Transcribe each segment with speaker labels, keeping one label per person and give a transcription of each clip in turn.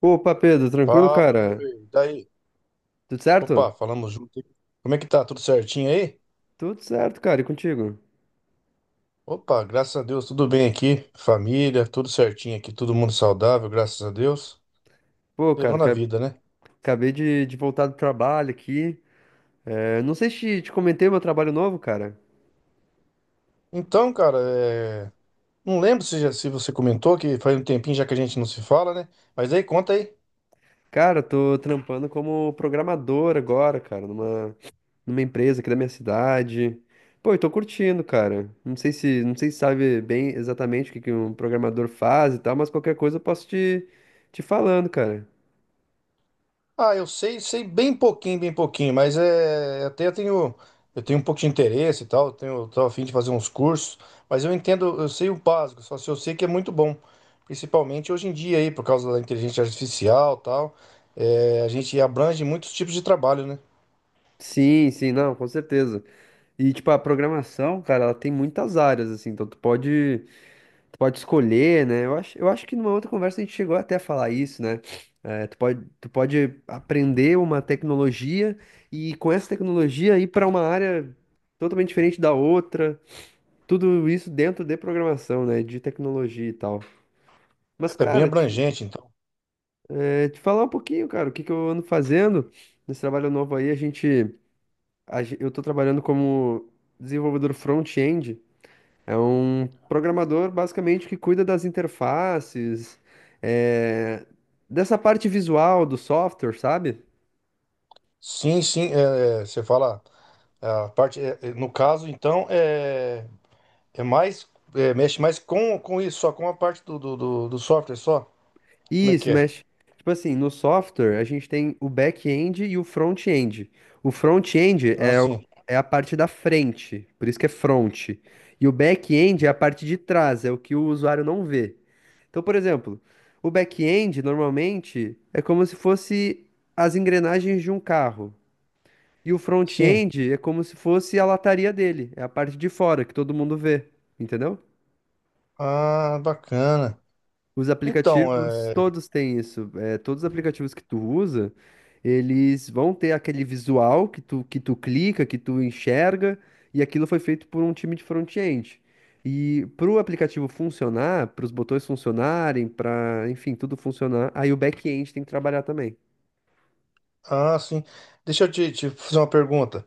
Speaker 1: Opa, Pedro, tranquilo,
Speaker 2: Fala, meu
Speaker 1: cara?
Speaker 2: rei. E daí?
Speaker 1: Tudo certo?
Speaker 2: Opa, falamos junto, hein? Como é que tá? Tudo certinho aí?
Speaker 1: Tudo certo, cara, e contigo?
Speaker 2: Opa, graças a Deus, tudo bem aqui. Família, tudo certinho aqui, todo mundo saudável, graças a Deus.
Speaker 1: Pô, cara,
Speaker 2: Levando a vida, né?
Speaker 1: acabei de voltar do trabalho aqui. É, não sei se te comentei meu trabalho novo, cara.
Speaker 2: Então, cara, não lembro se você comentou que faz um tempinho já que a gente não se fala, né? Mas aí, conta aí.
Speaker 1: Cara, eu tô trampando como programador agora, cara, numa empresa aqui da minha cidade. Pô, eu tô curtindo, cara. Não sei se, não sei se sabe bem exatamente que um programador faz e tal, mas qualquer coisa eu posso te falando, cara.
Speaker 2: Ah, eu sei, sei bem pouquinho, mas é até eu tenho um pouco de interesse e tal, eu tenho eu tô a fim de fazer uns cursos, mas eu entendo, eu sei o básico, só se eu sei que é muito bom, principalmente hoje em dia aí por causa da inteligência artificial, e tal, é, a gente abrange muitos tipos de trabalho, né?
Speaker 1: Sim, sim, não, com certeza. E, tipo, a programação, cara, ela tem muitas áreas, assim, então tu pode escolher, né? Eu acho que numa outra conversa a gente chegou até a falar isso, né? Tu pode aprender uma tecnologia e com essa tecnologia ir para uma área totalmente diferente da outra, tudo isso dentro de programação, né? De tecnologia e tal. Mas,
Speaker 2: É bem
Speaker 1: cara,
Speaker 2: abrangente, então.
Speaker 1: te falar um pouquinho, cara, o que que eu ando fazendo nesse trabalho novo aí, a gente, a gen- eu tô trabalhando como desenvolvedor front-end. É um programador basicamente que cuida das interfaces, é, dessa parte visual do software, sabe?
Speaker 2: Sim, sim, você fala a parte no caso, então é mais é, mexe mais com isso, só com a parte do software só. Como é
Speaker 1: Isso,
Speaker 2: que é?
Speaker 1: mexe. Tipo assim, no software a gente tem o back-end e o front-end. O front-end
Speaker 2: Ah, sim.
Speaker 1: é a parte da frente, por isso que é front. E o back-end é a parte de trás, é o que o usuário não vê. Então, por exemplo, o back-end normalmente é como se fosse as engrenagens de um carro. E o
Speaker 2: Sim.
Speaker 1: front-end é como se fosse a lataria dele, é a parte de fora que todo mundo vê, entendeu?
Speaker 2: Ah, bacana.
Speaker 1: Os
Speaker 2: Então,
Speaker 1: aplicativos,
Speaker 2: é...
Speaker 1: todos têm isso. É, todos os aplicativos que tu usa, eles vão ter aquele visual que tu clica, que tu enxerga, e aquilo foi feito por um time de front-end. E para o aplicativo funcionar, para os botões funcionarem, para, enfim, tudo funcionar, aí o back-end tem que trabalhar também.
Speaker 2: ah, sim. Deixa eu te fazer uma pergunta.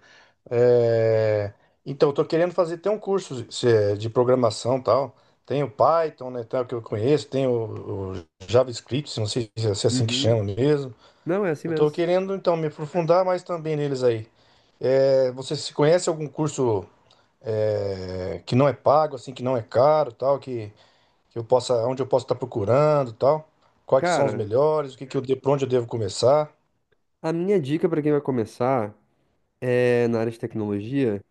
Speaker 2: É, então, eu tô querendo fazer até um curso de é, de programação e tal. Tem o Python, né, tal, que eu conheço, tem o JavaScript, não sei se é assim que
Speaker 1: Uhum.
Speaker 2: chama mesmo.
Speaker 1: Não, é assim
Speaker 2: Eu tô
Speaker 1: mesmo.
Speaker 2: querendo, então, me aprofundar mais também neles aí. É, você se conhece algum curso é, que não é pago, assim, que não é caro, tal, que eu possa, onde eu posso estar procurando, e tal. Quais que são os
Speaker 1: Cara,
Speaker 2: melhores? O que que eu, de- Por onde eu devo começar?
Speaker 1: a minha dica para quem vai começar é, na área de tecnologia,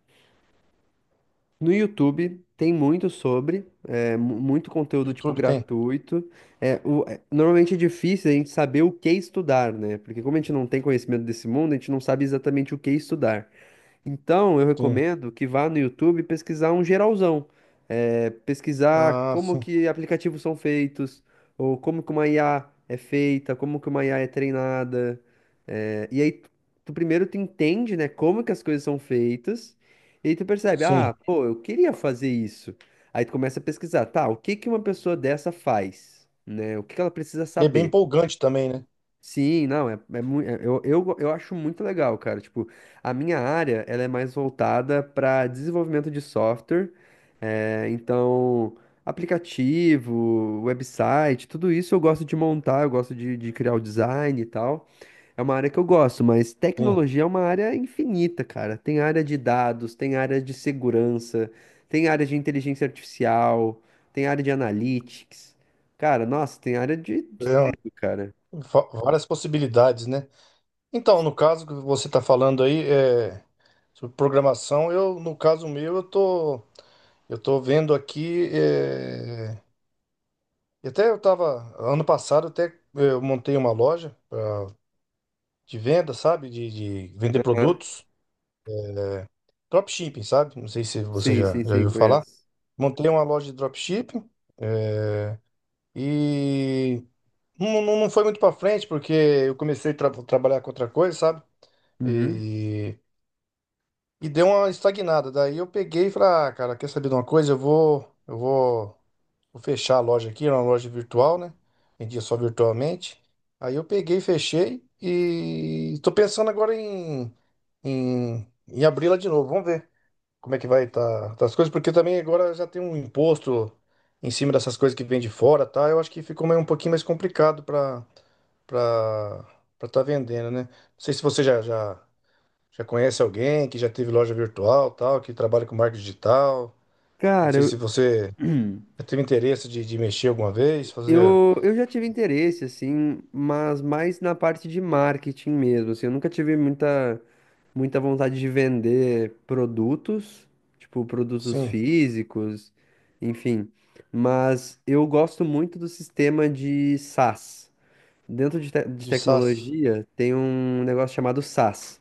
Speaker 1: no YouTube tem muito sobre, muito conteúdo tipo
Speaker 2: YouTube tem?
Speaker 1: gratuito. É, normalmente é difícil a gente saber o que estudar, né? Porque como a gente não tem conhecimento desse mundo, a gente não sabe exatamente o que estudar. Então, eu
Speaker 2: Sim.
Speaker 1: recomendo que vá no YouTube pesquisar um geralzão. É, pesquisar
Speaker 2: Ah,
Speaker 1: como
Speaker 2: sim.
Speaker 1: que aplicativos são feitos, ou como que uma IA é feita, como que uma IA é treinada. É, e aí, tu primeiro tu entende, né, como que as coisas são feitas, e aí tu percebe, ah,
Speaker 2: Sim.
Speaker 1: pô, eu queria fazer isso. Aí tu começa a pesquisar, tá, o que que uma pessoa dessa faz, né? O que que ela precisa
Speaker 2: E é bem
Speaker 1: saber?
Speaker 2: empolgante também, né?
Speaker 1: Sim, não, é, eu acho muito legal, cara. Tipo, a minha área, ela é mais voltada para desenvolvimento de software. É, então, aplicativo, website, tudo isso eu gosto de montar, eu gosto de criar o design e tal. É uma área que eu gosto, mas
Speaker 2: Sim.
Speaker 1: tecnologia é uma área infinita, cara. Tem área de dados, tem área de segurança, tem área de inteligência artificial, tem área de analytics. Cara, nossa, tem área de
Speaker 2: É
Speaker 1: tudo, cara.
Speaker 2: Várias possibilidades, né? Então, no caso que você está falando aí, é, sobre programação, eu, no caso meu, eu tô vendo aqui, é, e até eu tava, ano passado até eu montei uma loja de venda, sabe? De vender produtos. Dropshipping, sabe? Não sei se você
Speaker 1: Sim,
Speaker 2: já,
Speaker 1: sim,
Speaker 2: já
Speaker 1: sim,
Speaker 2: viu falar.
Speaker 1: conheço.
Speaker 2: Montei uma loja de dropshipping eh, e não foi muito pra frente porque eu comecei a trabalhar com outra coisa, sabe?
Speaker 1: Uhum.
Speaker 2: E, e deu uma estagnada. Daí eu peguei e falei, ah, cara, quer saber de uma coisa? Eu vou fechar a loja aqui, era uma loja virtual, né? Vendia só virtualmente. Aí eu peguei, fechei e tô pensando agora em abri-la de novo. Vamos ver como é que vai estar as coisas, porque também agora já tem um imposto em cima dessas coisas que vem de fora, tá? Eu acho que ficou meio um pouquinho mais complicado para para estar vendendo, né? Não sei se você já conhece alguém que já teve loja virtual, tal, que trabalha com marketing digital. Não
Speaker 1: Cara,
Speaker 2: sei se
Speaker 1: eu,
Speaker 2: você já teve interesse de mexer alguma vez, fazer,
Speaker 1: eu já tive interesse, assim, mas mais na parte de marketing mesmo, assim, eu nunca tive muita vontade de vender produtos, tipo, produtos
Speaker 2: sim,
Speaker 1: físicos, enfim, mas eu gosto muito do sistema de SaaS. Dentro de
Speaker 2: de SaaS.
Speaker 1: tecnologia, tem um negócio chamado SaaS.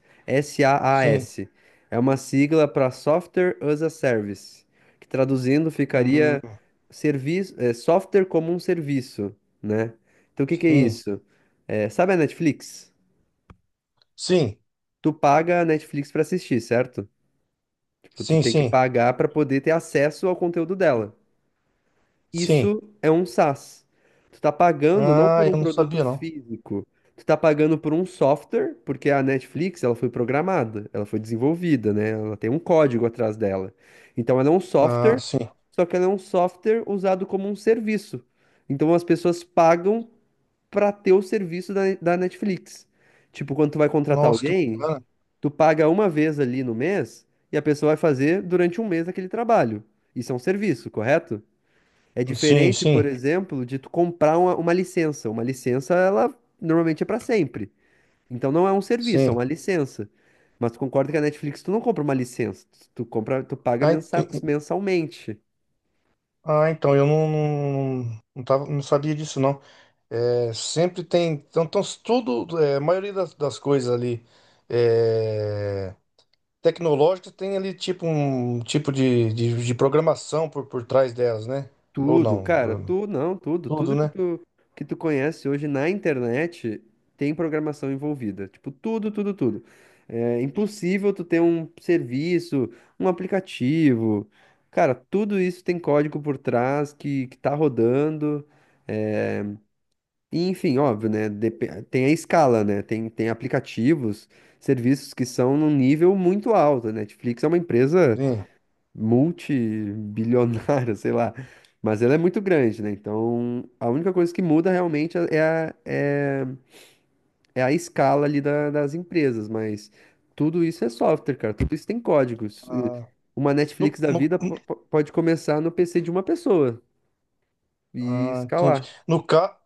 Speaker 2: Sim.
Speaker 1: S-A-A-S. É uma sigla para Software as a Service, que traduzindo
Speaker 2: Hum,
Speaker 1: ficaria serviço, é, software como um serviço, né? Então o que que é
Speaker 2: sim.
Speaker 1: isso? É, sabe a Netflix?
Speaker 2: Sim.
Speaker 1: Tu paga a Netflix para assistir, certo? Tipo, tu
Speaker 2: Sim,
Speaker 1: tem que
Speaker 2: sim.
Speaker 1: pagar para poder ter acesso ao conteúdo dela.
Speaker 2: Sim.
Speaker 1: Isso é um SaaS. Tu tá pagando não
Speaker 2: Ah,
Speaker 1: por um
Speaker 2: eu não
Speaker 1: produto
Speaker 2: sabia não.
Speaker 1: físico, tu tá pagando por um software, porque a Netflix, ela foi programada, ela foi desenvolvida, né? Ela tem um código atrás dela. Então ela é um
Speaker 2: Ah,
Speaker 1: software,
Speaker 2: sim.
Speaker 1: só que ela é um software usado como um serviço. Então as pessoas pagam pra ter o serviço da Netflix. Tipo, quando tu vai contratar
Speaker 2: Nossa, que
Speaker 1: alguém,
Speaker 2: bacana.
Speaker 1: tu paga uma vez ali no mês e a pessoa vai fazer durante um mês aquele trabalho. Isso é um serviço, correto? É
Speaker 2: Sim,
Speaker 1: diferente, por
Speaker 2: sim,
Speaker 1: exemplo, de tu comprar uma licença. Uma licença, ela normalmente é para sempre. Então não é um serviço, é uma
Speaker 2: sim.
Speaker 1: licença. Mas tu concorda que a Netflix tu não compra uma licença, tu compra, tu paga
Speaker 2: Ah, ent- e-
Speaker 1: mensalmente.
Speaker 2: ah, então eu tava, não sabia disso, não. É, sempre tem. Então, então tudo, é, a maioria das coisas ali é, tecnológicas tem ali tipo um tipo de programação por trás delas, né? Ou
Speaker 1: Tudo, cara,
Speaker 2: não?
Speaker 1: tu não, tudo,
Speaker 2: Tudo,
Speaker 1: tudo
Speaker 2: né?
Speaker 1: que tu conhece hoje na internet tem programação envolvida. Tipo, tudo, tudo, tudo. É impossível tu ter um serviço, um aplicativo. Cara, tudo isso tem código por trás que tá rodando. É, e, enfim, óbvio, né? Tem a escala, né? Tem aplicativos, serviços que são num nível muito alto. A Netflix é uma empresa
Speaker 2: Sim.
Speaker 1: multibilionária, sei lá. Mas ela é muito grande, né? Então, a única coisa que muda realmente a, é, é a escala ali das empresas, mas tudo isso é software, cara. Tudo isso tem códigos. E
Speaker 2: Ah,
Speaker 1: uma Netflix
Speaker 2: no,
Speaker 1: da
Speaker 2: no,
Speaker 1: vida pode começar no PC de uma pessoa e
Speaker 2: ah, entendi.
Speaker 1: escalar.
Speaker 2: No, ca-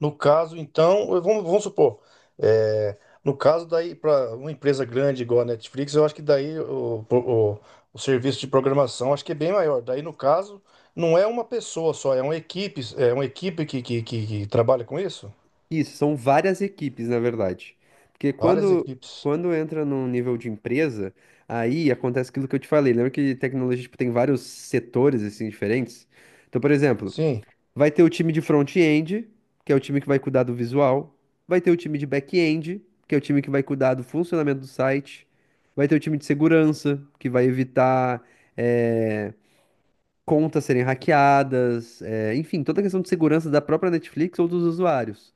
Speaker 2: No caso, então, vamos supor, é, no caso daí, para uma empresa grande igual a Netflix, eu acho que daí o serviço de programação acho que é bem maior. Daí, no caso, não é uma pessoa só, é uma equipe que trabalha com isso?
Speaker 1: Isso, são várias equipes, na verdade. Porque
Speaker 2: Várias
Speaker 1: quando,
Speaker 2: equipes.
Speaker 1: quando entra num nível de empresa, aí acontece aquilo que eu te falei. Lembra que tecnologia, tipo, tem vários setores, assim, diferentes? Então, por exemplo,
Speaker 2: Sim,
Speaker 1: vai ter o time de front-end, que é o time que vai cuidar do visual. Vai ter o time de back-end, que é o time que vai cuidar do funcionamento do site. Vai ter o time de segurança, que vai evitar, eh, contas serem hackeadas. Enfim, toda a questão de segurança da própria Netflix ou dos usuários.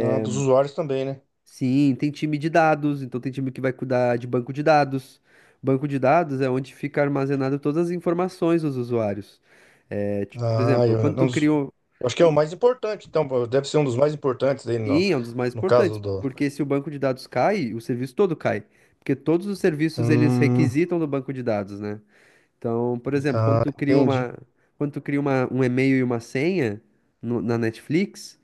Speaker 2: ah, dos usuários também, né?
Speaker 1: Sim, tem time de dados, então tem time que vai cuidar de banco de dados. Banco de dados é onde fica armazenado todas as informações dos usuários. É, tipo, por
Speaker 2: Ah,
Speaker 1: exemplo,
Speaker 2: eu,
Speaker 1: quando
Speaker 2: não-
Speaker 1: tu cria um...
Speaker 2: eu acho que é o mais importante, então, pô, deve ser um dos mais importantes aí no,
Speaker 1: Sim, é um dos mais
Speaker 2: no
Speaker 1: importantes,
Speaker 2: caso do.
Speaker 1: porque se o banco de dados cai, o serviço todo cai, porque todos os serviços eles
Speaker 2: Hum,
Speaker 1: requisitam do banco de dados, né? Então, por exemplo,
Speaker 2: ah, entendi.
Speaker 1: quando tu cria uma, um e-mail e uma senha na Netflix,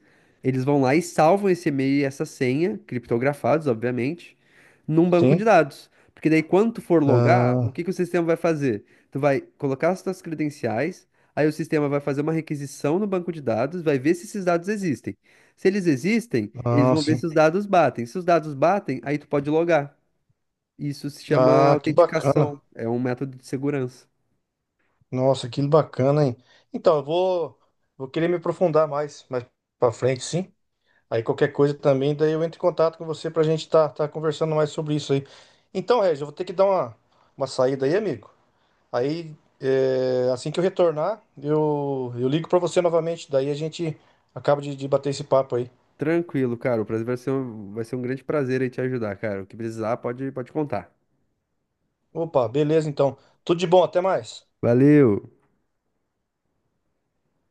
Speaker 1: eles vão lá e salvam esse e-mail e essa senha, criptografados, obviamente, num banco de
Speaker 2: Sim.
Speaker 1: dados. Porque daí, quando tu for logar, o
Speaker 2: Ah,
Speaker 1: que que o sistema vai fazer? Tu vai colocar as tuas credenciais, aí o sistema vai fazer uma requisição no banco de dados, vai ver se esses dados existem. Se eles existem, eles
Speaker 2: ah,
Speaker 1: vão ver se
Speaker 2: sim.
Speaker 1: os dados batem. Se os dados batem, aí tu pode logar. Isso se chama
Speaker 2: Ah, que bacana.
Speaker 1: autenticação, é um método de segurança.
Speaker 2: Nossa, que bacana, hein? Então, eu vou, vou querer me aprofundar mais, mais pra frente, sim. Aí qualquer coisa também, daí eu entro em contato com você pra gente tá, tá conversando mais sobre isso aí. Então, Regis, eu vou ter que dar uma saída aí, amigo. Aí, é, assim que eu retornar, eu ligo pra você novamente. Daí a gente acaba de bater esse papo aí.
Speaker 1: Tranquilo, cara. O prazer vai ser vai ser um grande prazer aí te ajudar, cara. O que precisar, pode contar.
Speaker 2: Opa, beleza, então. Tudo de bom, até mais.
Speaker 1: Valeu!